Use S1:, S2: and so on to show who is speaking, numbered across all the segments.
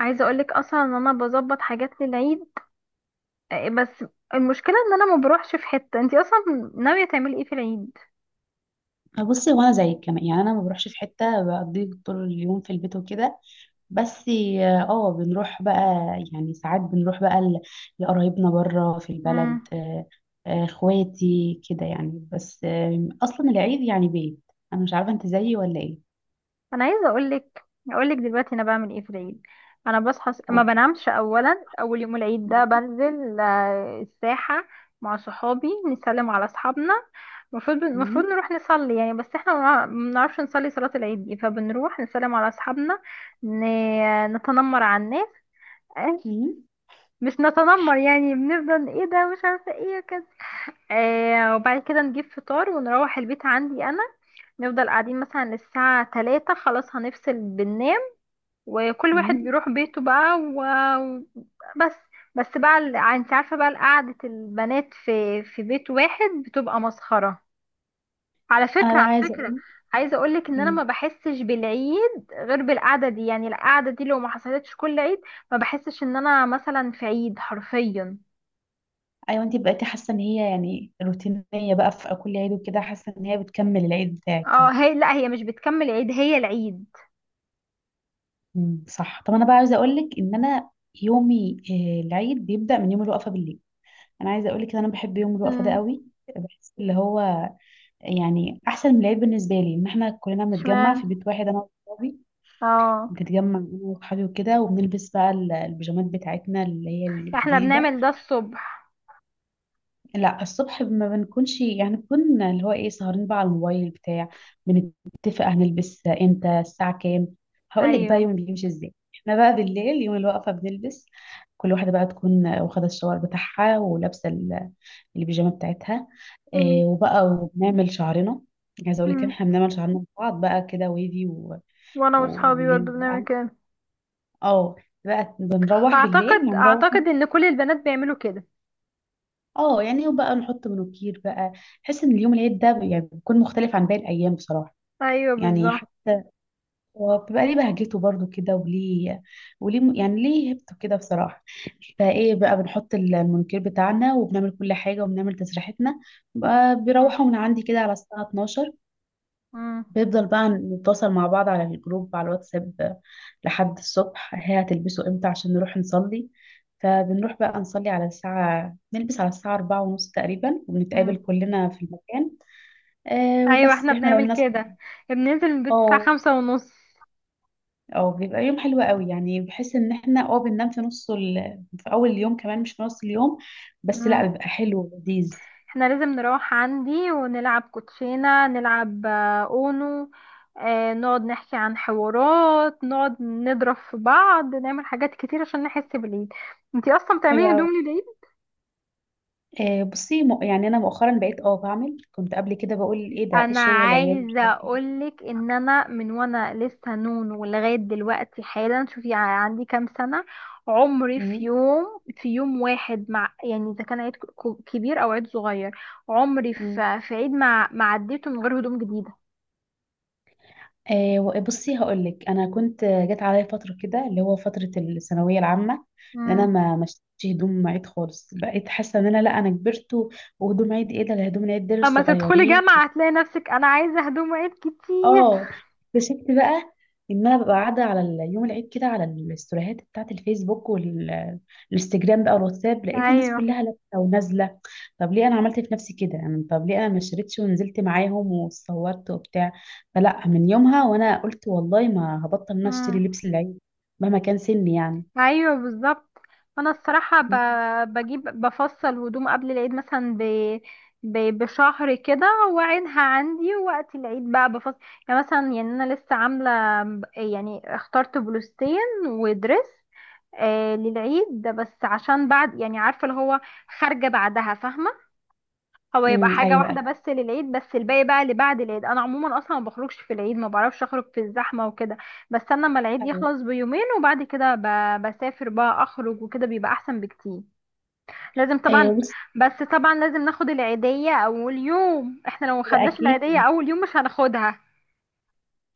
S1: عايزه اقولك اصلا ان انا بظبط حاجات للعيد. بس المشكله ان انا ما بروحش في حته. انتي اصلا ناويه تعملي ايه في العيد؟
S2: بصي، وانا زيك كمان. يعني انا ما بروحش في حته، بقضي طول اليوم في البيت وكده. بس اه بنروح بقى. يعني ساعات بنروح بقى لقرايبنا بره في البلد.
S1: امم.
S2: اخواتي كده يعني. بس اصلا العيد يعني بيت. انا مش عارفه انت زيي ولا ايه.
S1: انا عايزه اقولك دلوقتي انا بعمل ايه في العيد. انا بصحى، ما
S2: و-
S1: بنامش. اولا اول يوم العيد ده بنزل الساحه مع صحابي، نسلم على اصحابنا. المفروض
S2: مم،
S1: نروح نصلي يعني، بس احنا ما بنعرفش نصلي صلاة العيد دي، فبنروح نسلم على اصحابنا. نتنمر على الناس
S2: مم،
S1: مش نتنمر يعني، بنفضل ايه ده مش عارفه ايه كده. وبعد كده نجيب فطار ونروح البيت عندي انا. نفضل قاعدين مثلا للساعة 3، خلاص هنفصل بننام، وكل واحد
S2: مم.
S1: بيروح بيته بقى. وبس. بس بقى انت عارفة بقى قعدة البنات في بيت واحد بتبقى مسخرة. على
S2: انا
S1: فكرة،
S2: بقى
S1: على
S2: عايزه
S1: فكرة،
S2: اقول.
S1: عايزة اقولك ان انا
S2: مم.
S1: ما بحسش بالعيد غير بالقعدة دي. يعني القعدة دي لو ما حصلتش كل عيد، ما بحسش ان انا مثلا في عيد حرفيا.
S2: ايوه، انت بقيتي حاسه ان هي يعني روتينيه بقى في كل عيد وكده، حاسه ان هي بتكمل العيد بتاعك
S1: اه،
S2: يعني.
S1: هي لا، هي مش بتكمل عيد، هي العيد.
S2: مم، صح. طب انا بقى عايزه اقول لك ان انا يومي العيد بيبدا من يوم الوقفه بالليل. انا عايزه اقول لك ان انا بحب يوم الوقفه ده
S1: امم.
S2: قوي. بحس اللي هو يعني احسن من العيد بالنسبه لي ان احنا كلنا بنتجمع
S1: اشمعنى؟
S2: في بيت واحد، انا واصحابي.
S1: اه.
S2: بنتجمع انا واصحابي وكده، وبنلبس بقى البيجامات بتاعتنا اللي هي
S1: احنا
S2: الجديده.
S1: بنعمل ده الصبح.
S2: لا، الصبح ما بنكونش، يعني بنكون اللي هو ايه، سهرين بقى على الموبايل بتاع. بنتفق هنلبس امتى، الساعة كام. هقول لك بقى
S1: ايوه.
S2: يوم بيمشي ازاي. احنا بقى بالليل يوم الوقفة بنلبس. كل واحدة بقى تكون واخدة الشاور بتاعها ولابسة البيجامة بتاعتها.
S1: مم.
S2: وبقى وبنعمل شعرنا. عايزة اقول لك إن
S1: مم.
S2: احنا بنعمل شعرنا ببعض بقى كده، ويفي.
S1: وانا واصحابي
S2: والليل
S1: برضه بنعمل
S2: بقى.
S1: كده.
S2: اه بقى بنروح بالليل،
S1: فاعتقد
S2: هنروح.
S1: اعتقد ان كل البنات بيعملوا كده.
S2: اه يعني وبقى نحط منوكير بقى. بحس ان اليوم العيد ده يعني بيكون مختلف عن باقي الايام بصراحه.
S1: ايوه،
S2: يعني
S1: بالظبط.
S2: حتى هو بيبقى ليه بهجته برضو كده، وليه يعني ليه هيبته كده بصراحه. فايه بقى، بنحط المنوكير بتاعنا وبنعمل كل حاجه وبنعمل تسريحتنا. بقى
S1: مم.
S2: بيروحوا من عندي كده على الساعه 12.
S1: مم.
S2: بيفضل بقى نتواصل مع بعض على الجروب على الواتساب لحد الصبح، هي هتلبسه امتى عشان نروح نصلي. فبنروح بقى نصلي على الساعة، نلبس على الساعة 4:30 تقريبا،
S1: مم.
S2: وبنتقابل كلنا في المكان.
S1: ايوه،
S2: وبس.
S1: احنا
S2: احنا لو
S1: بنعمل
S2: الناس.
S1: كده. بننزل من البيت الساعه
S2: اه
S1: 5:30.
S2: اه بيبقى يوم حلو قوي. يعني بحس ان احنا بننام في في اول اليوم كمان، مش في نص اليوم. بس
S1: مم.
S2: لا، بيبقى حلو ولذيذ.
S1: احنا لازم نروح عندي ونلعب كوتشينة، نلعب اونو، نقعد نحكي عن حوارات، نقعد نضرب في بعض، نعمل حاجات كتير عشان نحس بالعيد. انتي اصلا
S2: حلو
S1: بتعملي هدوم
S2: قوي.
S1: للعيد؟
S2: بصي، يعني انا مؤخرا بقيت بعمل. كنت قبل كده بقول ايه ده، ايه
S1: انا
S2: الشغل العيال، مش
S1: عايزه
S2: عارفه.
S1: اقولك ان انا من وانا لسه نون ولغايه دلوقتي حالا، شوفي، عندي كام سنه، عمري
S2: إيه.
S1: في يوم واحد مع، يعني اذا كان عيد كبير او عيد صغير، عمري
S2: مم.
S1: في عيد ما عديته من غير هدوم
S2: بصي هقولك، انا كنت جت عليا فتره كده اللي هو فتره الثانويه العامه ان انا
S1: جديده.
S2: ما مشيتش هدوم عيد خالص. بقيت حاسه ان انا، لا، انا كبرت. وهدوم عيد ايه ده، ده هدوم العيد دول
S1: اما تدخلي
S2: صغيرين.
S1: جامعة هتلاقي نفسك انا عايزة هدوم عيد كتير.
S2: اه اكتشفت بقى ان انا ببقى قاعده على يوم العيد كده، على الاستوريهات بتاعت الفيسبوك والانستجرام بقى والواتساب، لقيت الناس
S1: ايوه.
S2: كلها لابسه ونازله. طب ليه انا عملت في نفسي كده، انا طب ليه انا ما شريتش ونزلت معاهم واتصورت وبتاع. فلا، من يومها وانا قلت والله ما هبطل ان انا اشتري
S1: امم.
S2: لبس العيد مهما كان سني يعني.
S1: ايوه، بالظبط. انا الصراحة بفصل هدوم قبل العيد، مثلا بشهر كده، واعينها عندي، ووقت العيد بقى بفصل. يعني مثلا، يعني انا لسه عاملة، يعني اخترت بلوستين ودرس للعيد ده، بس عشان بعد، يعني عارفة اللي هو خارجة بعدها فاهمة. هو يبقى
S2: امم،
S1: حاجة
S2: ايوه
S1: واحدة
S2: ايوه
S1: بس للعيد، بس الباقي بقى اللي بعد العيد، انا عموما اصلا ما بخرجش في العيد، ما بعرفش اخرج في الزحمة وكده. بستنى اما العيد
S2: ايوه.
S1: يخلص بيومين وبعد كده بسافر بقى، اخرج وكده بيبقى احسن بكتير. لازم طبعا.
S2: بص،
S1: بس طبعا لازم ناخد العيدية اول يوم، احنا لو ما
S2: ده
S1: خدناش العيدية
S2: اكيد.
S1: اول يوم مش هناخدها.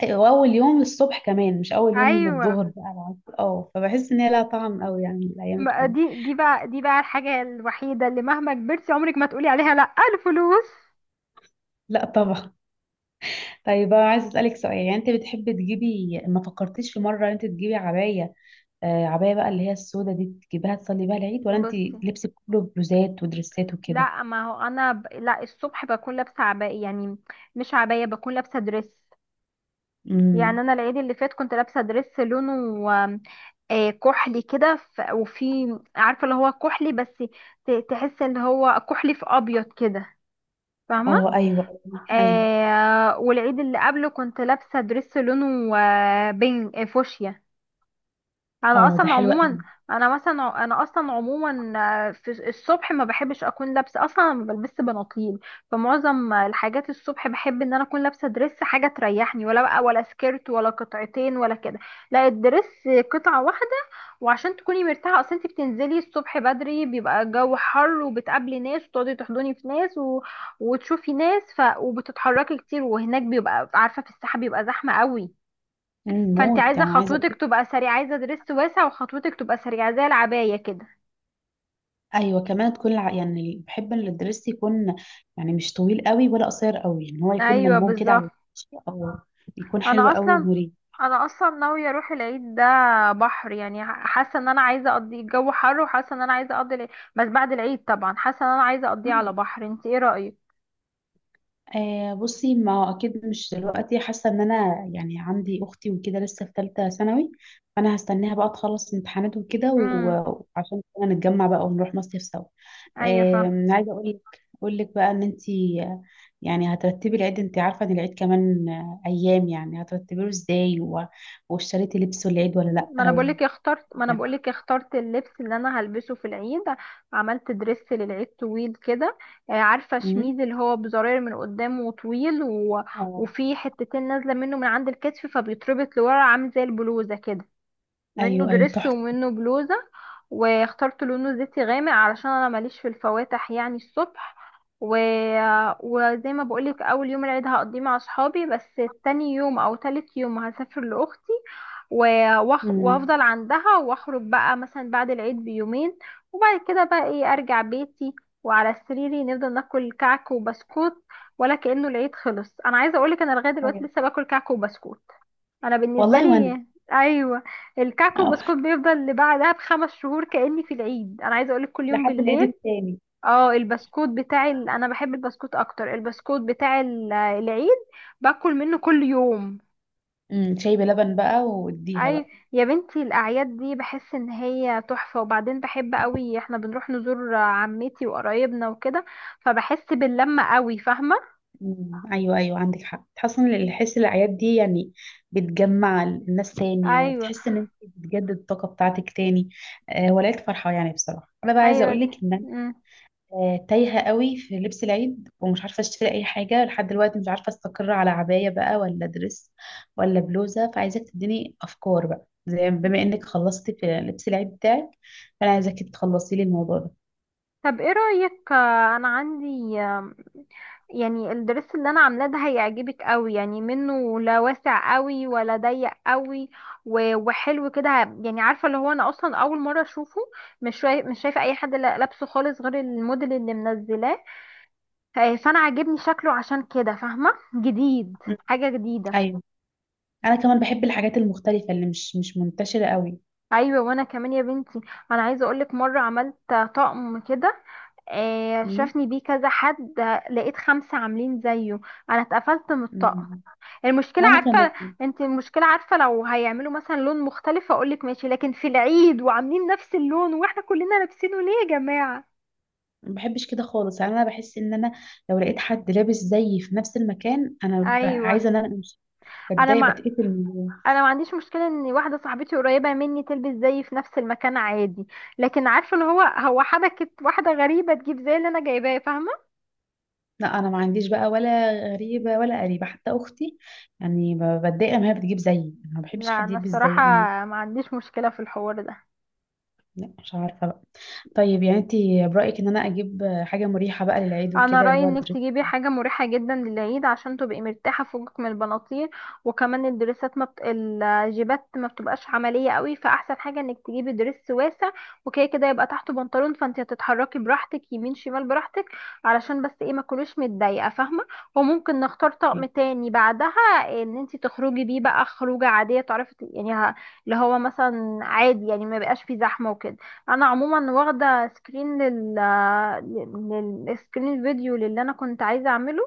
S2: واول يوم الصبح كمان، مش اول يوم
S1: ايوه.
S2: بالظهر بقى العصر. اه فبحس ان هي لها طعم قوي يعني الايام التانية.
S1: دي بقى الحاجة الوحيدة اللي مهما كبرتي، عمرك ما تقولي عليها لا، الفلوس.
S2: لا طبعا. طيب بقى، عايزه اسالك سؤال. يعني انت بتحبي تجيبي، ما فكرتيش في مره ان انت تجيبي عبايه؟ عبايه بقى اللي هي السودا دي، تجيبيها تصلي بيها العيد ولا انت
S1: بصي،
S2: لبسك كله بلوزات ودريسات وكده؟
S1: لا، ما هو انا لا، الصبح بكون لابسه عباية، يعني مش عباية، بكون لابسه دريس. يعني
S2: امم.
S1: انا العيد اللي فات كنت لابسه دريس لونه كحلي كده، وفي، عارفه اللي هو كحلي بس تحس ان هو كحلي في ابيض كده فاهمه.
S2: اه، ايوه ايوه.
S1: والعيد اللي قبله كنت لابسه دريس لونه بين فوشيا. انا
S2: اه ده
S1: اصلا
S2: حلو
S1: عموما،
S2: قوي.
S1: انا مثلا انا اصلا عموما، في الصبح ما بحبش اكون لابسه، اصلا ما بلبس بناطيل. فمعظم الحاجات الصبح بحب ان انا اكون لابسه دريس، حاجه تريحني، ولا بقى، ولا سكيرت ولا قطعتين ولا كده، لا، الدريس قطعه واحده. وعشان تكوني مرتاحه، اصل انت بتنزلي الصبح بدري، بيبقى الجو حر، وبتقابلي ناس وتقعدي تحضني في ناس وتشوفي ناس، وبتتحركي كتير، وهناك بيبقى عارفه في الساحه بيبقى زحمه قوي. فانت
S2: موت
S1: عايزه
S2: يعني. عايزه
S1: خطوتك
S2: اقول.
S1: تبقى سريعه، عايزه درس واسع وخطوتك تبقى سريعه زي العبايه كده.
S2: ايوه، كمان تكون يعني بحب ان الدرس يكون يعني مش طويل قوي ولا قصير قوي، يعني هو يكون
S1: ايوه،
S2: ملموم كده على
S1: بالظبط.
S2: الوش، اه. يكون حلو
S1: انا
S2: قوي
S1: اصلا
S2: ومريح.
S1: انا اصلا ناويه اروح العيد ده بحر، يعني حاسه ان انا عايزه اقضي الجو حر، وحاسه ان انا عايزه اقضي العيد، بس بعد العيد طبعا حاسه ان انا عايزه اقضيه على بحر. انت ايه رايك؟
S2: بصي، ما هو اكيد مش دلوقتي. حاسه ان انا يعني عندي اختي وكده لسه في ثالثه ثانوي، فانا هستناها بقى تخلص امتحانات وكده.
S1: امم.
S2: وعشان كده نتجمع بقى ونروح مصيف سوا.
S1: ايوه، فاهمة.
S2: عايزه اقول لك بقى ان انت يعني هترتبي العيد. انت عارفه ان العيد كمان ايام، يعني هترتبيه ازاي. واشتريتي لبس العيد ولا؟
S1: ما انا
S2: لا.
S1: بقولك اخترت ما انا
S2: يعني.
S1: بقولك اخترت اللبس اللي انا هلبسه في العيد. عملت درس للعيد طويل كده. عارفه
S2: مم.
S1: شميز اللي هو بزراير من قدام وطويل
S2: آه.
S1: وفي حتتين نازله منه من عند الكتف، فبيتربط لورا عامل زي البلوزه كده، منه
S2: ايوه ايوه،
S1: دريس
S2: تحفه.
S1: ومنه بلوزة. واخترت لونه زيتي غامق علشان انا ماليش في الفواتح يعني الصبح. و... وزي ما بقولك، اول يوم العيد هقضيه مع اصحابي بس، تاني يوم او تالت يوم هسافر لاختي، و...
S2: مم.
S1: وافضل عندها، واخرج بقى مثلا بعد العيد بيومين، وبعد كده بقى ايه، ارجع بيتي، وعلى سريري نفضل ناكل كعك وبسكوت، ولا كأنه العيد خلص. انا عايزه اقولك، انا لغايه دلوقتي
S2: أيوة.
S1: لسه باكل كعك وبسكوت. انا بالنسبه
S2: والله وانا.
S1: لي. ايوه. الكعك
S2: آه،
S1: والبسكوت بيفضل اللي بعدها بخمس شهور كاني في العيد، انا عايزه اقولك كل يوم
S2: لحد العيد
S1: بالليل.
S2: التاني.
S1: اه، البسكوت بتاع انا بحب البسكوت اكتر، البسكوت بتاع العيد، باكل منه كل يوم.
S2: شاي بلبن بقى، واديها
S1: اي،
S2: بقى.
S1: يا بنتي الاعياد دي بحس ان هي تحفه، وبعدين بحب قوي. احنا بنروح نزور عمتي وقرايبنا وكده، فبحس باللمه قوي فاهمه.
S2: امم، ايوه ايوه، عندك حق. تحس ان الحس الاعياد دي يعني بتجمع الناس تاني،
S1: ايوه.
S2: وبتحس ان انت بتجدد الطاقه بتاعتك تاني. ولقيت فرحه يعني بصراحه. انا بقى عايزه
S1: ايوه
S2: اقول
S1: دي.
S2: لك ان انا
S1: مم.
S2: تايهه قوي في لبس العيد، ومش عارفه اشتري اي حاجه لحد دلوقتي. مش عارفه استقر على عبايه بقى ولا دريس ولا بلوزه. فعايزاك تديني افكار بقى، زي بما انك خلصتي في لبس العيد بتاعك، فانا عايزاك تخلصي لي الموضوع ده.
S1: طب ايه رايك؟ انا عندي، يعني الدرس اللي انا عاملاه ده هيعجبك قوي، يعني منه لا واسع قوي ولا ضيق قوي وحلو كده. يعني عارفه اللي هو انا اصلا اول مره اشوفه، مش شايفه اي حد لابسه خالص غير الموديل اللي منزلاه، فانا عاجبني شكله عشان كده فاهمه، جديد،
S2: مم.
S1: حاجه جديده.
S2: ايوه. انا كمان بحب الحاجات المختلفه اللي مش منتشره قوي.
S1: ايوه. وانا كمان يا بنتي، انا عايزه اقولك مره عملت طقم كده،
S2: مم.
S1: شافني بيه كذا حد، لقيت 5 عاملين زيه. انا اتقفلت من الطقم.
S2: مم.
S1: المشكلة
S2: وانا كمان.
S1: عارفة انت المشكلة عارفة لو هيعملوا مثلا لون مختلف اقولك ماشي، لكن في العيد وعاملين نفس اللون واحنا كلنا لابسينه، ليه يا جماعة؟
S2: ما بحبش كده خالص يعني. انا بحس ان انا لو لقيت حد لابس زيي في نفس المكان، انا
S1: ايوه.
S2: عايزه ان انا امشي.
S1: انا
S2: بتضايق
S1: ما
S2: بتقفل.
S1: انا ما عنديش مشكلة ان واحدة صاحبتي قريبة مني تلبس زيي في نفس المكان عادي، لكن عارفة اللي هو حبكت واحدة غريبة تجيب زي اللي انا جايباه فاهمة.
S2: لا، انا ما عنديش بقى ولا غريبه ولا قريبه، حتى اختي يعني بتضايق ما هي بتجيب زيي. أنا ما بحبش
S1: لا،
S2: حد
S1: انا
S2: يلبس
S1: الصراحة
S2: زيي.
S1: ما عنديش مشكلة في الحوار ده.
S2: لا، مش عارفه بقى. طيب، يعني انت برايك ان انا اجيب حاجه مريحه بقى للعيد
S1: انا
S2: وكده اللي
S1: رايي
S2: هو
S1: انك تجيبي حاجه مريحه جدا للعيد عشان تبقي مرتاحه، فوقك من البناطيل، وكمان الدريسات ما بت... الجيبات ما بتبقاش عمليه قوي، فاحسن حاجه انك تجيبي دريس واسع، وكده كده يبقى تحته بنطلون. فانت هتتحركي براحتك، يمين شمال براحتك، علشان بس ايه ما تكونيش متضايقه فاهمه. وممكن نختار طقم تاني بعدها، ان انت تخرجي بيه بقى خروجه عاديه، تعرفي يعني اللي هو مثلا عادي، يعني ما بقاش فيه زحمه وكده. انا عموما واخده سكرين للسكرين فيديو للي انا كنت عايزه اعمله،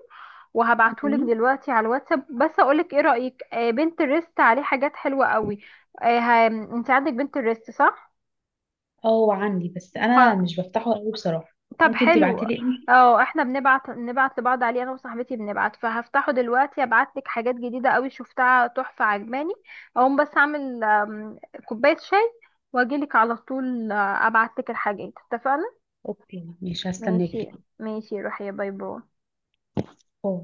S1: وهبعتهولك
S2: دريس؟
S1: دلوقتي على الواتساب. بس اقولك ايه رايك؟ بنترست عليه حاجات حلوه قوي. انت عندك بنترست صح؟
S2: اه، عندي بس انا
S1: ه-
S2: مش بفتحه قوي بصراحه.
S1: طب
S2: ممكن
S1: حلو.
S2: تبعتلي ايه.
S1: اه، احنا نبعت لبعض عليه، انا وصاحبتي بنبعت، فهفتحه دلوقتي، ابعتلك حاجات جديده قوي شفتها تحفه عجباني. اقوم بس اعمل كوبايه شاي واجيلك على طول، ابعتلك الحاجات اتفقنا.
S2: اوكي، مش
S1: ماشي.
S2: هستناكي.
S1: ماشي، روحي. باي باي.
S2: باي.